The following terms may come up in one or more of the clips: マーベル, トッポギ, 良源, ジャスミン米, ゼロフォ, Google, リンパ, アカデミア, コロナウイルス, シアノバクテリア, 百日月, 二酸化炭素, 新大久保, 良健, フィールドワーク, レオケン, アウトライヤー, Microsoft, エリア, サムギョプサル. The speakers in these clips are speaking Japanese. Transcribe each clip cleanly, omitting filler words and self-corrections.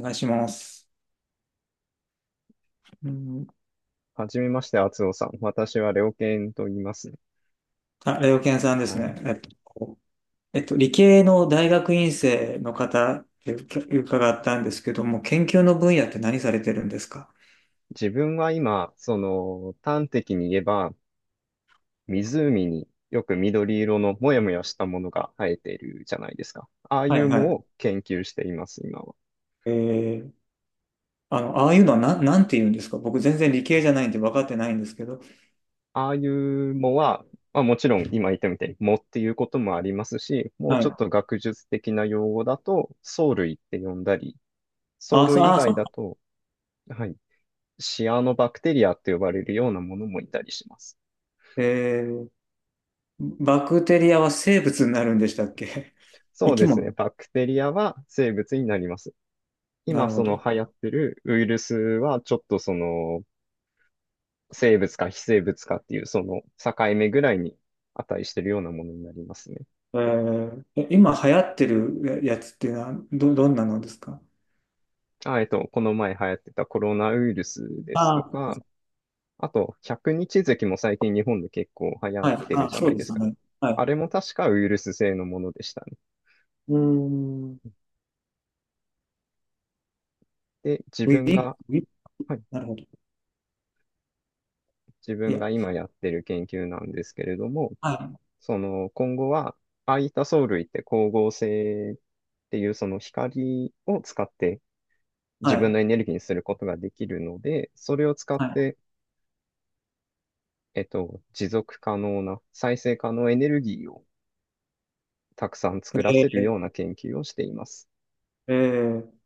お願いします。うん、はじめまして、厚尾さん。私はレオケンと言いますね。あ、レオケンさんですはね。い。理系の大学院生の方って伺ったんですけども、研究の分野って何されてるんですか？自分は今、端的に言えば、湖によく緑色のもやもやしたものが生えているじゃないですか。ああいはういは藻い。を研究しています、今は。えー、ああいうのはなんて言うんですか？僕全然理系じゃないんで分かってないんですけど。ああいう藻は、まあ、もちろん今言ったみたいに藻っていうこともありますし、もうはちょっい。と学術的な用語だと、藻類って呼んだり、藻あ、そう、類以あ、そ外だう。と、はい、シアノバクテリアって呼ばれるようなものもいたりします。えー、バクテリアは生物になるんでしたっけ？ 生そうきですね。物。バクテリアは生物になります。な今、るほそのど。流行ってるウイルスは、ちょっとその、生物か非生物かっていう、その境目ぐらいに値してるようなものになりますね。今流行ってるやつっていうのはどんなのですか？この前流行ってたコロナウイルスですあとあー、そうか、か。あと、百日月も最近日本で結構流行っはい。てるあ、じゃそないうでですすか。ね。はあい。れも確かウイルス性のものでしたね。うーん。ウで、ィリウィ。はい、なるほど。自い分や、が今やってる研究なんですけれども、はい。その今後は、ああいった藻類って光合成っていうその光を使っては自分い。のエネルギーにすることができるので、それを使っはて、持続可能な再生可能エネルギーをたくさん作らせい。るような研究をしています。ーえー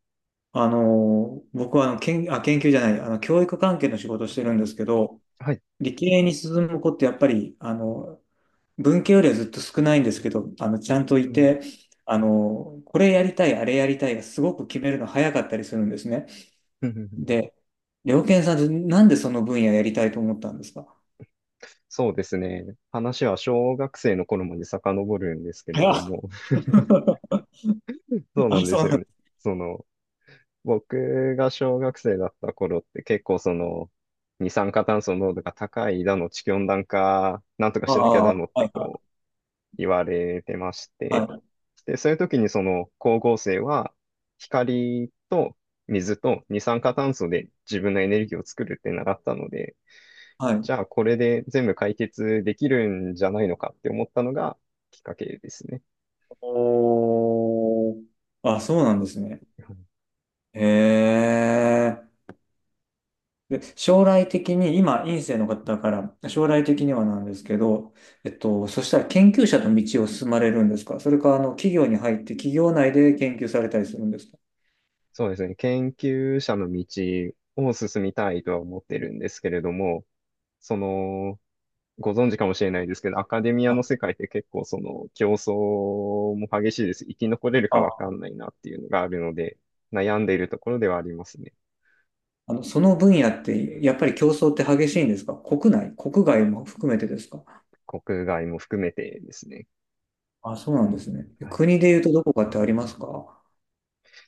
僕は研究じゃない、教育関係の仕事をしてるんですけど、はい。理系に進む子ってやっぱり、文系よりはずっと少ないんですけど、ちゃんとういん。て、これやりたい、あれやりたいがすごく決めるの早かったりするんですね。で、良健さん、なんでその分野やりたいと思ったんですか？そうですね。話は小学生の頃まで遡るんですけれ早どっ。 も、そうなあ、んでそすう。よね。その、僕が小学生だった頃って結構その二酸化炭素濃度が高いだの地球温暖化なんとかあしなきゃあ、はだのっていはこう言われてましいて、はい。で、そういう時にその光合成は光と水と二酸化炭素で自分のエネルギーを作るって習ったので、はい。じゃあこれで全部解決できるんじゃないのかって思ったのがきっかけですね。おー。あ、そうなんですね。うん、へえ。で、将来的に、今、院生の方だから、将来的にはなんですけど、そしたら研究者の道を進まれるんですか？それか、企業に入って、企業内で研究されたりするんですか？そうですね。研究者の道を進みたいとは思ってるんですけれども、その、ご存知かもしれないですけど、アカデミアあ、の世界って結構その競争も激しいです。生き残れるかわかあんないなっていうのがあるので、悩んでいるところではありますね。その分野って、やっぱり競争って激しいんですか？国内、国外も含めてですか？国外も含めてですね。あ、そうなんですね。はい。国で言うとどこかってありますか？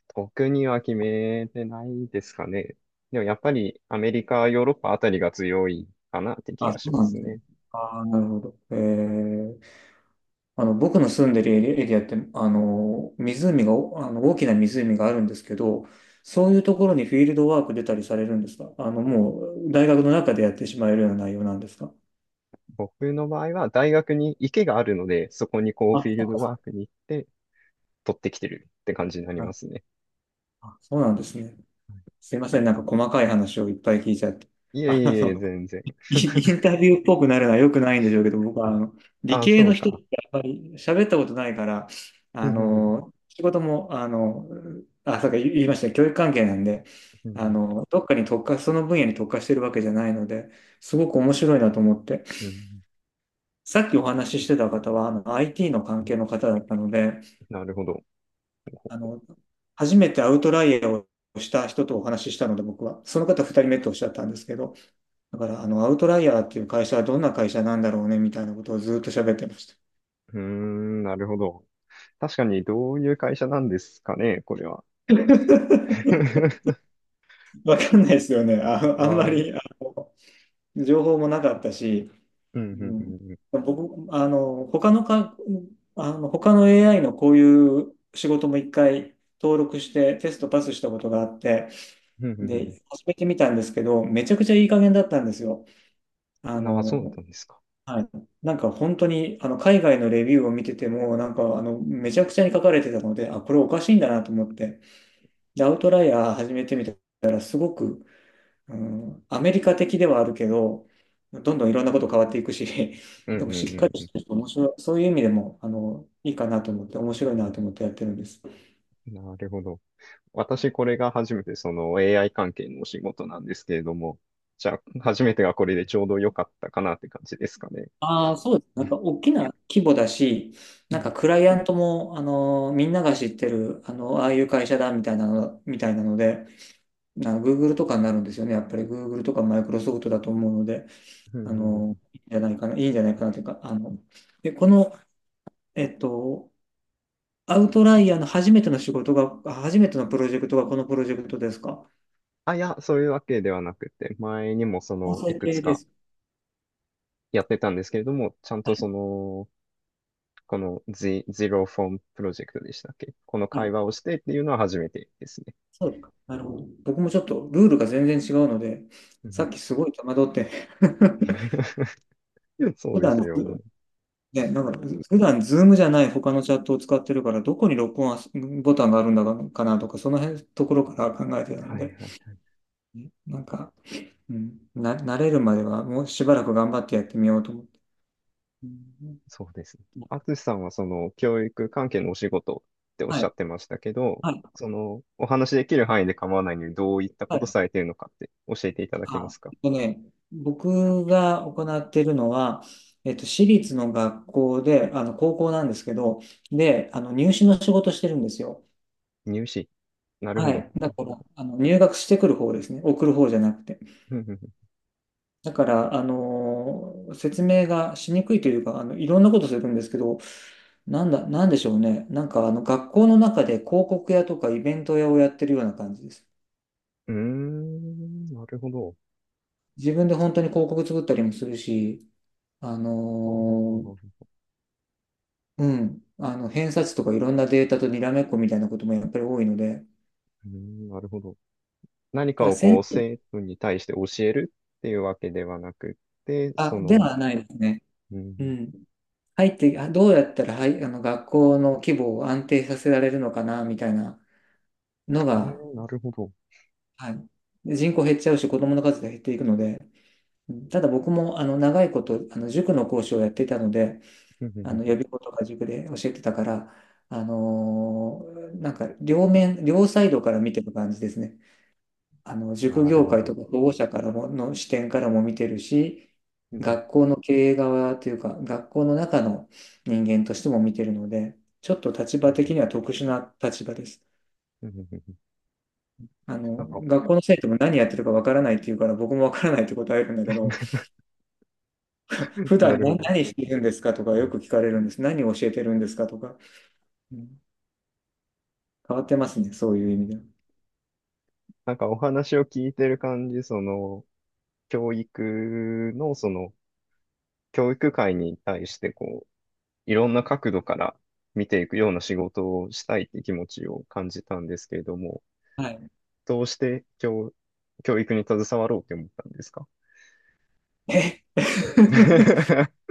特には決めてないですかね。でもやっぱりアメリカ、ヨーロッパあたりが強いかなって気あ、がそしうまなんすですね。ね。ああ、なるほど。僕の住んでるエリアって、湖が、おあの、大きな湖があるんですけど、そういうところにフィールドワーク出たりされるんですか？もう、大学の中でやってしまえるような内容なんですか？僕の場合は大学に池があるので、そこにこうあ、フィーそルうドか。ワークに行って取ってきてるって感じになりなまるすね。あそうなんですね。すいません。なんか細かい話をいっぱい聞いちゃって。いえあいえいえ、の、全然。インタビューっぽくなるのは良くないんでしょうけど、僕は理ああ、系そうの人っか。てあんまり喋ったことないから、うんうんうん。仕事も、さっき言いましたね、教育関係なんで、うんどっかに特化、その分野に特化してるわけじゃないので、すごく面白いなと思って、うんうん。さっきお話ししてた方は、IT の関係の方だったので、なるほど。あの、初めてアウトライヤーをした人とお話ししたので、僕は、その方2人目とおっしゃったんですけど、だから、アウトライヤーっていう会社はどんな会社なんだろうね、みたいなことをずっと喋ってました。うーん、なるほど。確かに、どういう会社なんですかね、これは。わかんないですよね。あ、あんまわ、うん。りあ情報もなかったし、うんううん、ん僕、他の AI のこういう仕事も一回登録してテストパスしたことがあって、うん。うんうんで、始めてみたんですけど、めちゃくちゃいい加減だったんですよ。あうん。ああ、そうだっの、たんですか。はい。なんか本当に、海外のレビューを見てても、なんか、めちゃくちゃに書かれてたので、あ、これおかしいんだなと思って、で、アウトライヤー始めてみたら、すごく、うん、アメリカ的ではあるけど、どんどんいろんなこと変わっていくし、うん うでもしっかんりうしんてると面白い、そういう意味でも、いいかなと思って、面白いなと思ってやってるんです。うん。なるほど。私、これが初めて、その AI 関係のお仕事なんですけれども、じゃあ、初めてがこれでちょうど良かったかなって感じですかね。ああ、そうです。なんか大きな規模だし、うなんんかクライアントも、みんなが知ってる、ああいう会社だみたいなの、みたいなので、Google とかになるんですよね。やっぱり Google とか Microsoft だと思うので、うんうん。うん。いいんじゃないかな、いいんじゃないかなというか、で、この、えっと、アウトライヤーの初めての仕事が、あ初めてのプロジェクトがこのプロジェクトですか？あ、いや、そういうわけではなくて、前にもそ音の、い声くつ系でかす。やってたんですけれども、ちゃんとその、このゼロフォ o f プロジェクトでしたっけ？このは会い、話をしてっていうのは初めてですね。そうですか。なるほど。僕もちょっとルールが全然違うので、うさん。 っきすごい戸惑って そ普うで段、すよね。ね、なんか、普段、ズームじゃない他のチャットを使ってるから、どこに録音ボタンがあるんだかなとか、その辺のところから考えてたのはいはで、い。なんか、うん、慣れるまではもうしばらく頑張ってやってみようと思って。うん。そうですね。あつしさんはその教育関係のお仕事っておっはしゃい、ってましたけど、はい、そのお話しできる範囲で構わないのにどういったはことい。されているのかって教えていただけまあ、すか？僕が行っているのは、私立の学校で、高校なんですけど、で、入試の仕事してるんですよ。入試。なるはほど。い。だから、入学してくる方ですね。送る方じゃなくて。うんうんうん。だから、説明がしにくいというか、いろんなことするんですけど、なんでしょうね。なんか、学校の中で広告屋とかイベント屋をやってるような感じです。うーん、なるほど。自分で本当に広告作ったりもするし、あのはあはあはあーはあ。うん、偏差値とかいろんなデータとにらめっこみたいなこともやっぱり多いので、だかうーん、なるほど。何からをこう生徒に対して教えるっていうわけではなくって、そでの、はないですね。ううん、ん。入って、あどうやったら、はい、学校の規模を安定させられるのかな、みたいなのはが、い、なるほど。はい。で、人口減っちゃうし、子供の数が減っていくので、うん。ただ僕も長いこと塾の講師をやっていたので、うんうんう予ん。備校とか塾で教えてたから、なんか両面、両サイドから見てる感じですね。塾なる業ほ界ど。とか保護者からもの視点からも見てるし、うんうん学校の経営側というか、学校の中の人間としても見てるので、ちょっと立う場ん。的には特殊な立場です。うんうん。なんか、学校の生徒も何やってるかわからないって言うから、僕もわからないって答えるんだけど、普な段るほ何ど。何してるんですかとかうよん。く聞かれるんです。何を教えてるんですかとか。うん。変わってますね、そういう意味では。なんかお話を聞いてる感じ、教育の、教育界に対して、こう、いろんな角度から見ていくような仕事をしたいって気持ちを感じたんですけれども、はい。どうして教育に携わろうって思ったんですか？ え、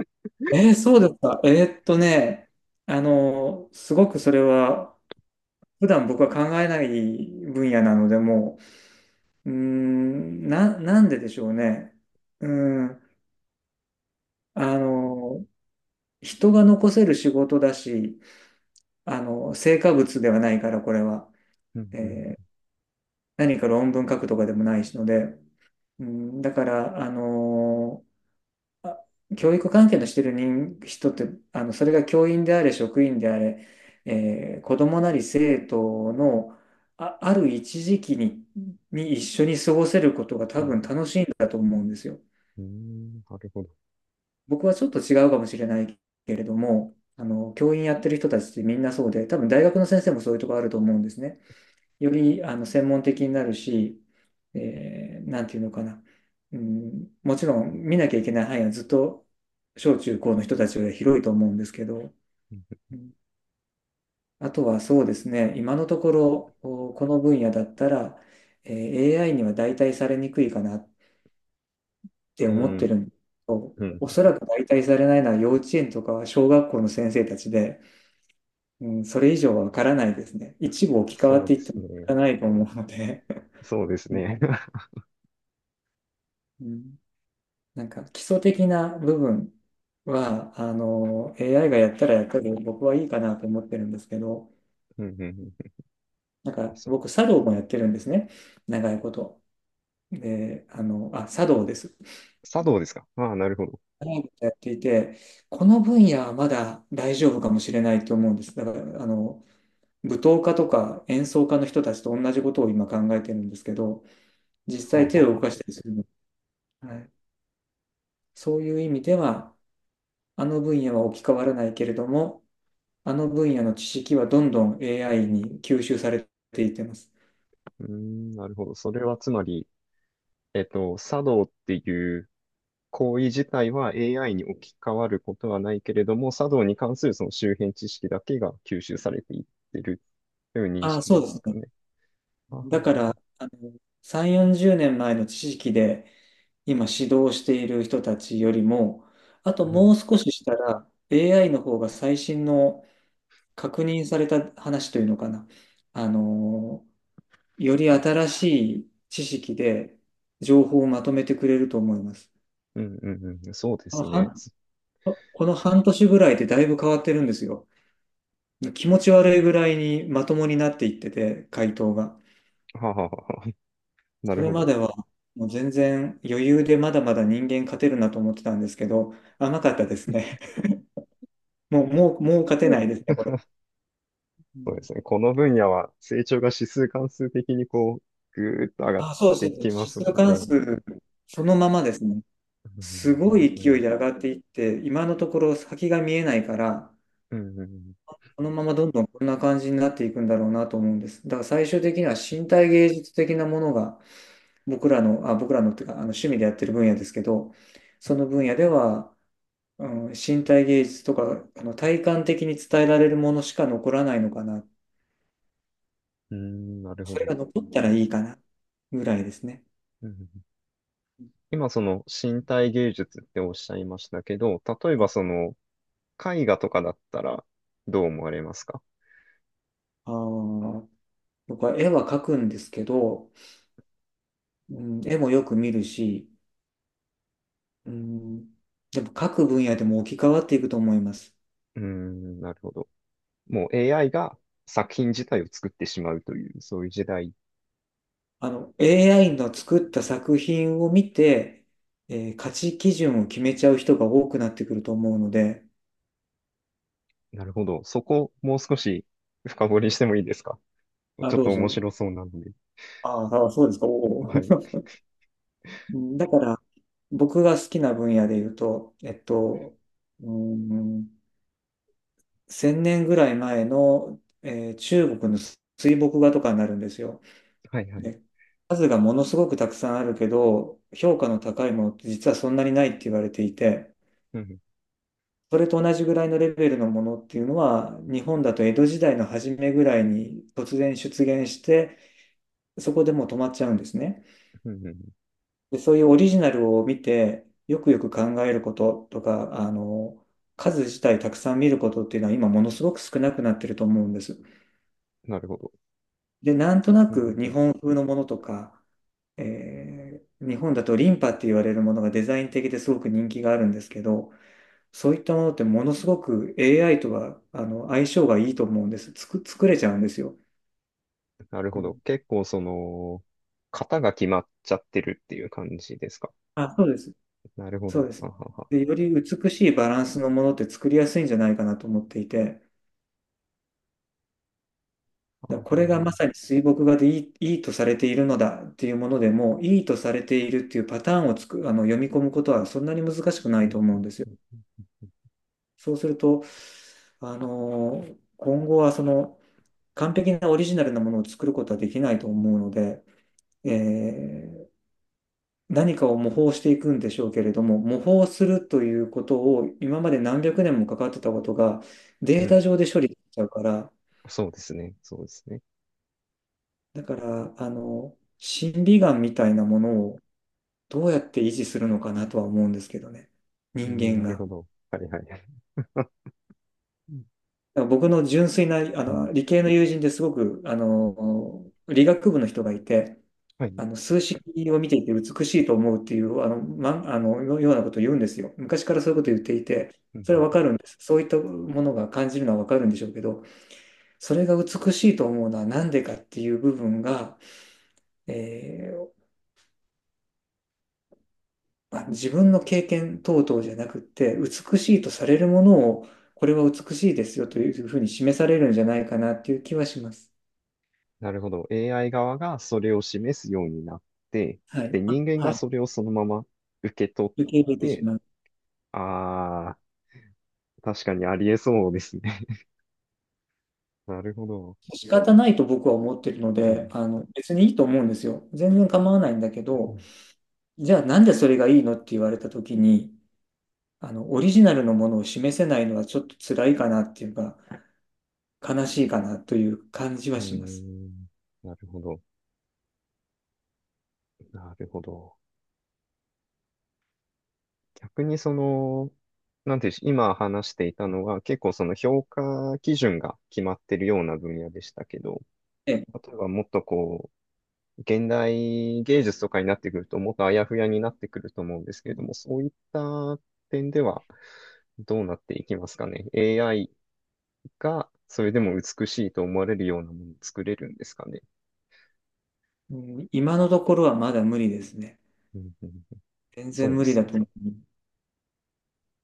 そうですか。ーっとね、すごくそれは、普段僕は考えない分野なので、もう、なんででしょうね。うーん、あの、人が残せる仕事だし、成果物ではないから、これは。うん、うん、えー何か論文書くとかでもないしので、うん、だから、あ教育関係のしてる人って、それが教員であれ、職員であれ、子供なり生徒の、ある一時期に、一緒に過ごせることが多うん、分楽しいんだと思うんですよ。うん、なるほど。僕はちょっと違うかもしれないけれども、教員やってる人たちってみんなそうで、多分大学の先生もそういうとこあると思うんですね。より専門的になるし、なんていうのかな、うん、もちろん見なきゃいけない範囲はずっと小中高の人たちより広いと思うんですけど、うん、うん、あとはそうですね、今のところこの分野だったら、えAI には代替されにくいかなってう思ってん、るんですけど、うん、おそらく代替されないのは幼稚園とか小学校の先生たちで、うん、それ以上はわからないですね。一部置き換わっそうていでってすもわかね。らないと思うので。そうで すうんね。うん、なんか基礎的な部分は、AI がやったらやったで僕はいいかなと思ってるんですけど、うん、うん、うん。なんかそ、僕、茶道もやってるんですね。長いこと。で、茶道です。茶道ですか？ああ、なるほど。長いことやっていて、この分野はまだ大丈夫かもしれないと思うんです。だから、舞踏家とか演奏家の人たちと同じことを今考えてるんですけど、実はあ、際はあ、手はをあ。動はかあ。したりするの。はい。そういう意味では、あの分野は置き換わらないけれども、あの分野の知識はどんどん AI に吸収されていってます。うーん、なるほど。それはつまり、茶道っていう行為自体は AI に置き換わることはないけれども、茶道に関するその周辺知識だけが吸収されていってるという認ああ、識そでうですすかね。ね？はあだはかあはあ。ら、3、40年前の知識で今指導している人たちよりも、あとうん、もう少ししたら AI の方が最新の確認された話というのかな。あの、より新しい知識で情報をまとめてくれると思います。うん、うん、うん、そうであのすね。半この半年ぐらいでだいぶ変わってるんですよ。気持ち悪いぐらいにまともになっていってて、回答が。はあはあはあ。なそるれほまど。ではもう全然余裕でまだまだ人間勝てるなと思ってたんですけど、甘かったですね。もう、もう、もう勝てないですね、これ。うそうでん、すね。この分野は成長が指数関数的にこう、ぐーっと上がっあ、そうそてう、指きます数もん関ね。数、そのままですね。うすん、本ごい当勢いに。で上がっていって、今のところ先が見えないから、うん、うん、このままどんどんこんな感じになっていくんだろうなと思うんです。だから最終的には身体芸術的なものが僕らのっていうか、趣味でやってる分野ですけど、その分野では、うん、身体芸術とか、体感的に伝えられるものしか残らないのかな。うん、なるほそれど。が残ったらいいかな、ぐらいですね。うんうん。今、その身体芸術っておっしゃいましたけど、例えばあその絵画とかだったらどう思われますか？あー、僕は絵は描くんですけど、うん、絵もよく見るし、うん、でも描く分野でも置き換わっていくと思います。うん、なるほど。もう AI が作品自体を作ってしまうという、そういう時代。AI の作った作品を見て、価値基準を決めちゃう人が多くなってくると思うので、なるほど。そこ、もう少し深掘りしてもいいですか？あ、ちょっどとう面ぞ。白そうなので。ああ、そうですか。おお。はい。うん、だから、僕が好きな分野で言うと、うーん、1000年ぐらい前の、中国の水墨画とかになるんですよ。はいはい。で、数がものすごくたくさんあるけど、評価の高いものって実はそんなにないって言われていて、うんそれと同じぐらいのレベルのものっていうのは、日本だと江戸時代の初めぐらいに突然出現して、そこでもう止まっちゃうんですね。うんうんうん。で、そういうオリジナルを見て、よくよく考えることとか、数自体たくさん見ることっていうのは今ものすごく少なくなってると思うんです。なるほど。で、なんとなうんうくんう日ん。本風のものとか、日本だとリンパって言われるものがデザイン的ですごく人気があるんですけど、そういったものってものすごく AI とは相性がいいと思うんです。作れちゃうんですよ。なるうほど。ん、結構その、型が決まっちゃってるっていう感じですか？あ、そうです。なるほそうど。です。ははは。で、より美しいバランスのものって作りやすいんじゃないかなと思っていて、はこれはがまは。さに水墨画でいいとされているのだっていうものでも、いいとされているっていうパターンをつく、あの読み込むことはそんなに難しくなういんと思ううんん。ですよ。そうすると、今後はその完璧なオリジナルなものを作ることはできないと思うので、えー何かを模倣していくんでしょうけれども、模倣するということを今まで何百年もかかってたことがうデータん。上で処理しちゃうから、そうですね。そうですね。だから、審美眼みたいなものをどうやって維持するのかなとは思うんですけどね。う人ん、間なるが。だかほど。はいはい。うん。ら僕の純粋な、理系の友人ですごく、理学部の人がいて、はい。うん数式を見ていて美しいと思うっていう、あの、ま、あの、ようなことを言うんですよ。昔からそういうことを言っていて、うん。それはわかるんです。そういったものが感じるのはわかるんでしょうけど、それが美しいと思うのはなんでかっていう部分が、えまあ、自分の経験等々じゃなくって、美しいとされるものを、これは美しいですよというふうに示されるんじゃないかなっていう気はします。なるほど。AI 側がそれを示すようになって、はい。で、人間はがそい。れをそのまま受け取っ受け入れてして、まう。ああ、確かにありえそうですね。なるほど。仕方ないと僕は思ってるのうで、ん。別にいいと思うんですよ。全然構わないんだけど、じゃあなんでそれがいいのって言われた時に、オリジナルのものを示せないのはちょっと辛いかなっていうか、悲しいかなという感じはうーします。ん。なるほど。なるほど。逆にその、なんていうし、今話していたのは結構その評価基準が決まってるような分野でしたけど、ええ、例えばもっとこう、現代芸術とかになってくるともっとあやふやになってくると思うんですけれども、そういった点ではどうなっていきますかね？AI がそれでも美しいと思われるようなものを作れるんですかね？うん、今のところはまだ無理ですね。うんうん、全そ然うで無理すだね。と思う。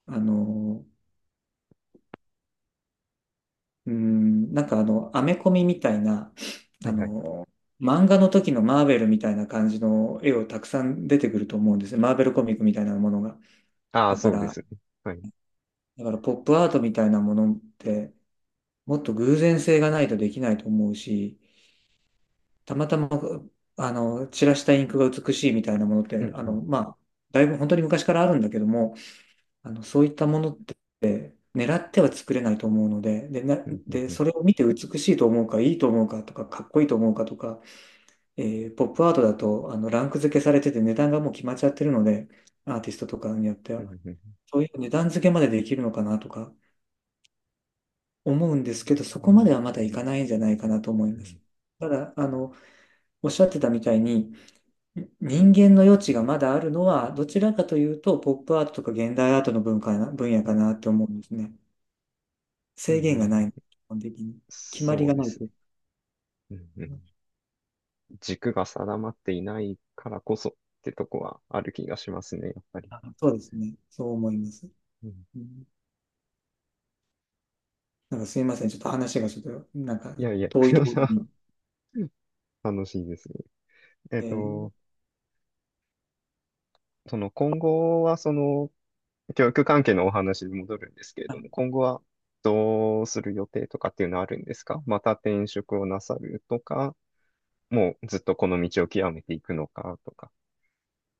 あの、うん、なんかアメコミみたいな、はあいはい。の、漫画の時のマーベルみたいな感じの絵をたくさん出てくると思うんですよ。マーベルコミックみたいなものが。ああ、だかそうでら、すね。はい。ポップアートみたいなものって、もっと偶然性がないとできないと思うし、たまたま、散らしたインクが美しいみたいなものっうて、んうんまあ、だいぶ本当に昔からあるんだけども、そういったものって狙っては作れないと思うので、で、うんうんうんそれを見て美しいと思うか、いいと思うかとか、かっこいいと思うかとか、ポップアートだと、ランク付けされてて値段がもう決まっちゃってるので、アーティストとかによってうは、んうんそういう値段付けまでできるのかなとか思うんですけど、そこまではまだいかないんじゃないかなと思いうます。んただ、おっしゃってたみたいに、人間の余地がまだあるのは、どちらかというと、ポップアートとか現代アートの文化な、分野かなって思うんですね。うん制う限がん、ない、基本的に。決まりそうがでないすと。ね。うんうん。軸が定まっていないからこそってとこはある気がしますね、やっぱり。あ、そうですね。そう思います。うん。うん、なんかすいません。ちょっと話がちょっと、なんかいやいや、遠いところに。楽しいですね。えっえー、と、その今後はその教育関係のお話に戻るんですけれども、今後はどうする予定とかっていうのはあるんですか？また転職をなさるとか、もうずっとこの道を極めていくのかとか。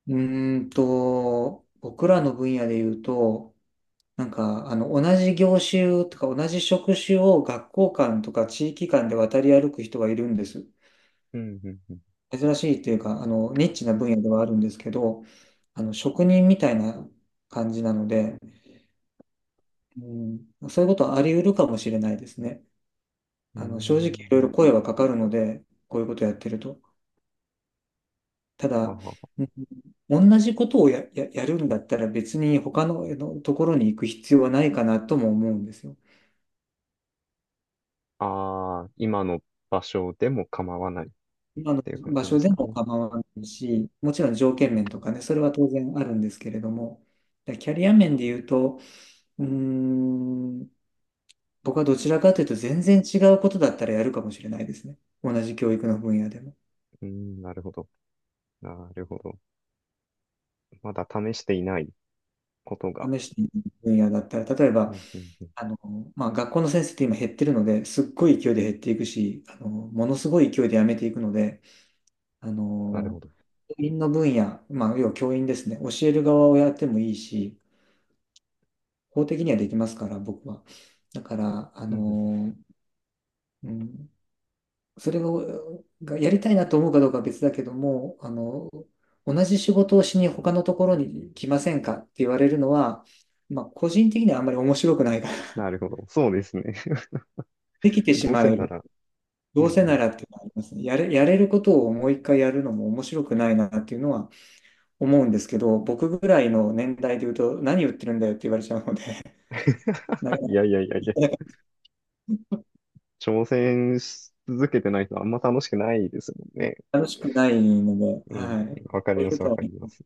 僕らの分野で言うと、なんか、同じ業種とか同じ職種を学校間とか地域間で渡り歩く人がいるんです。うんうんうん。珍しいっていうか、ニッチな分野ではあるんですけど、職人みたいな感じなので、うん、そういうことはあり得るかもしれないですね。うーん、正直いろいなるろほ声ど。はかかるので、こういうことやってると。ただ、は。うん同じことをやるんだったら別に他の、あのところに行く必要はないかなとも思うんですよ。ああ、今の場所でも構わないっ今のていう感場じで所すでかもね？構わないし、もちろん条件面とかね、それは当然あるんですけれども、でキャリア面で言うと、うーん、僕はどちらかというと全然違うことだったらやるかもしれないですね。同じ教育の分野でも。うん、なるほど。なるほど。まだ試していないことが。試してみる分野だったら、例えうば、んうんうん、あの、まあ、学校の先生って今減ってるので、すっごい勢いで減っていくし、ものすごい勢いで辞めていくので、あなるの、ほど。教員の分野、まあ、要は教員ですね、教える側をやってもいいし、法的にはできますから、僕は。だから、うんうんうん。うん、それを、がやりたいなと思うかどうかは別だけども、同じ仕事をしに他のところに来ませんかって言われるのは、まあ、個人的にはあんまり面白くないから、なるほど。そうですね。できてしどうませえなら。うどうんせうなん、らっていうのはありますね。やれることをもう一回やるのも面白くないなっていうのは思うんですけど、僕ぐらいの年代で言うと、何言ってるんだよって言われちゃうので、なか いやいやいやいや。なか挑戦し続けてないとあんま楽しくないですもんね。楽しくないので、うん、はい。わかりそういうまこす、わとはかりね。ます。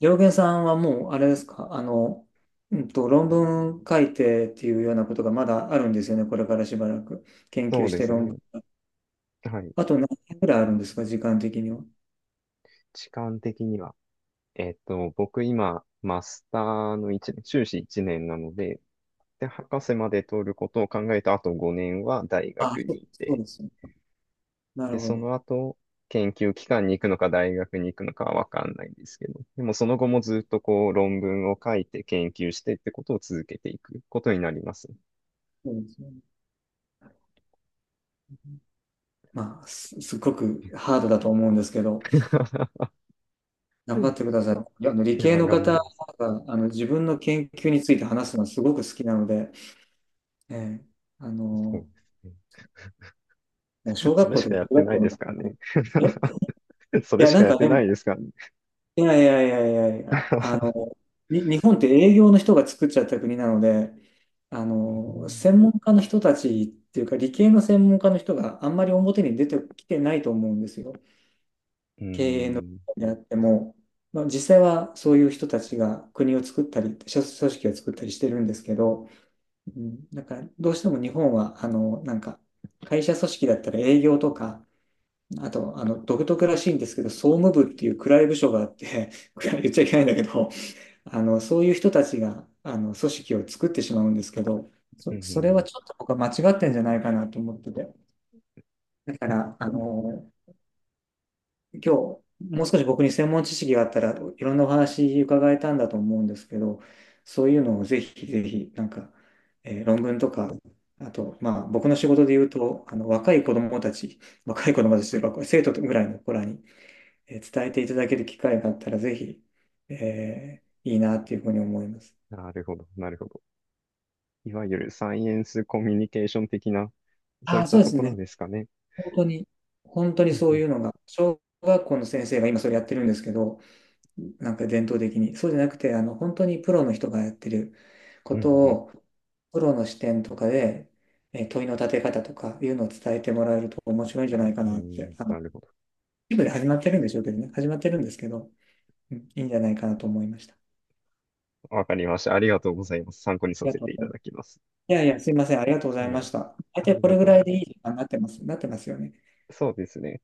良源さんはもう、あれですか、論文書いてっていうようなことがまだあるんですよね、これからしばらく。研そ究うしでてす論ね。文。はい。あと何年ぐらいあるんですか、時間的には。時間的には。僕今、マスターの一年、修士1年なので、で、博士まで取ることを考えたあと5年は大あ、学そにういそうて、ですね。なで、るほそど。の後、研究機関に行くのか大学に行くのかはわかんないんですけど、でもその後もずっとこう論文を書いて研究してってことを続けていくことになります。そうですね。まあ、すっごくハードだと思うんですけど、う頑張っん。てください。いやあの理いや系ー、の頑張方ります。があの自分の研究について話すのはすごく好きなので、ええあそうの、でもうすね。小そ学れ校しとかかや中って学ない校のですから方が、ね。え、い それや、しなかんやっかてでなも、いですからね。いやいやいやいやいや、日本って営業の人が作っちゃった国なので、うん、専門家の人たちっていうか、理系の専門家の人があんまり表に出てきてないと思うんですよ。うん、であっても、まあ、実際はそういう人たちが国を作ったり、組織を作ったりしてるんですけど、うん、なんかどうしても日本は、会社組織だったら営業とか、あと、独特らしいんですけど、総務部っていう暗い部署があって、暗い言っちゃいけないんだけど、そういう人たちが、組織を作ってしまうんですけど、うそれはん、ちょっと僕は間違ってんじゃないかなと思ってて。だから、今日、もう少し僕に専門知識があったらいろんなお話伺えたんだと思うんですけど、そういうのをぜひぜひ、えー論文とか、あと、まあ、僕の仕事で言うと、若い子供たちというか、これ生徒ぐらいの子らに、えー伝えていただける機会があったら、ぜひ、えーいいなっていうふうに思います。なるほど、なるほど。いわゆるサイエンスコミュニケーション的な、そうあいっあ、そたうでとすこね。ろですかね。本当に、本当にうんそううん、いうのが、小学校の先生が今それやってるんですけど、なんか伝統的に。そうじゃなくて、本当にプロの人がやってるこうとん、を、プロの視点とかで、えー問いの立て方とかいうのを伝えてもらえると面白いんじゃないかうんうなって、ん、なるほど。一部で始まってるんでしょうけどね、始まってるんですけど、うん、いいんじゃないかなと思いました。あわかりました。ありがとうございます。参考にさりがせとうてごいざたいます。だきます。いやいや、すいません、ありがとうございはまい。した。大あ体りこがれぐとうらごいざいでいいま時間になってます、なってますよね。す。そうですね。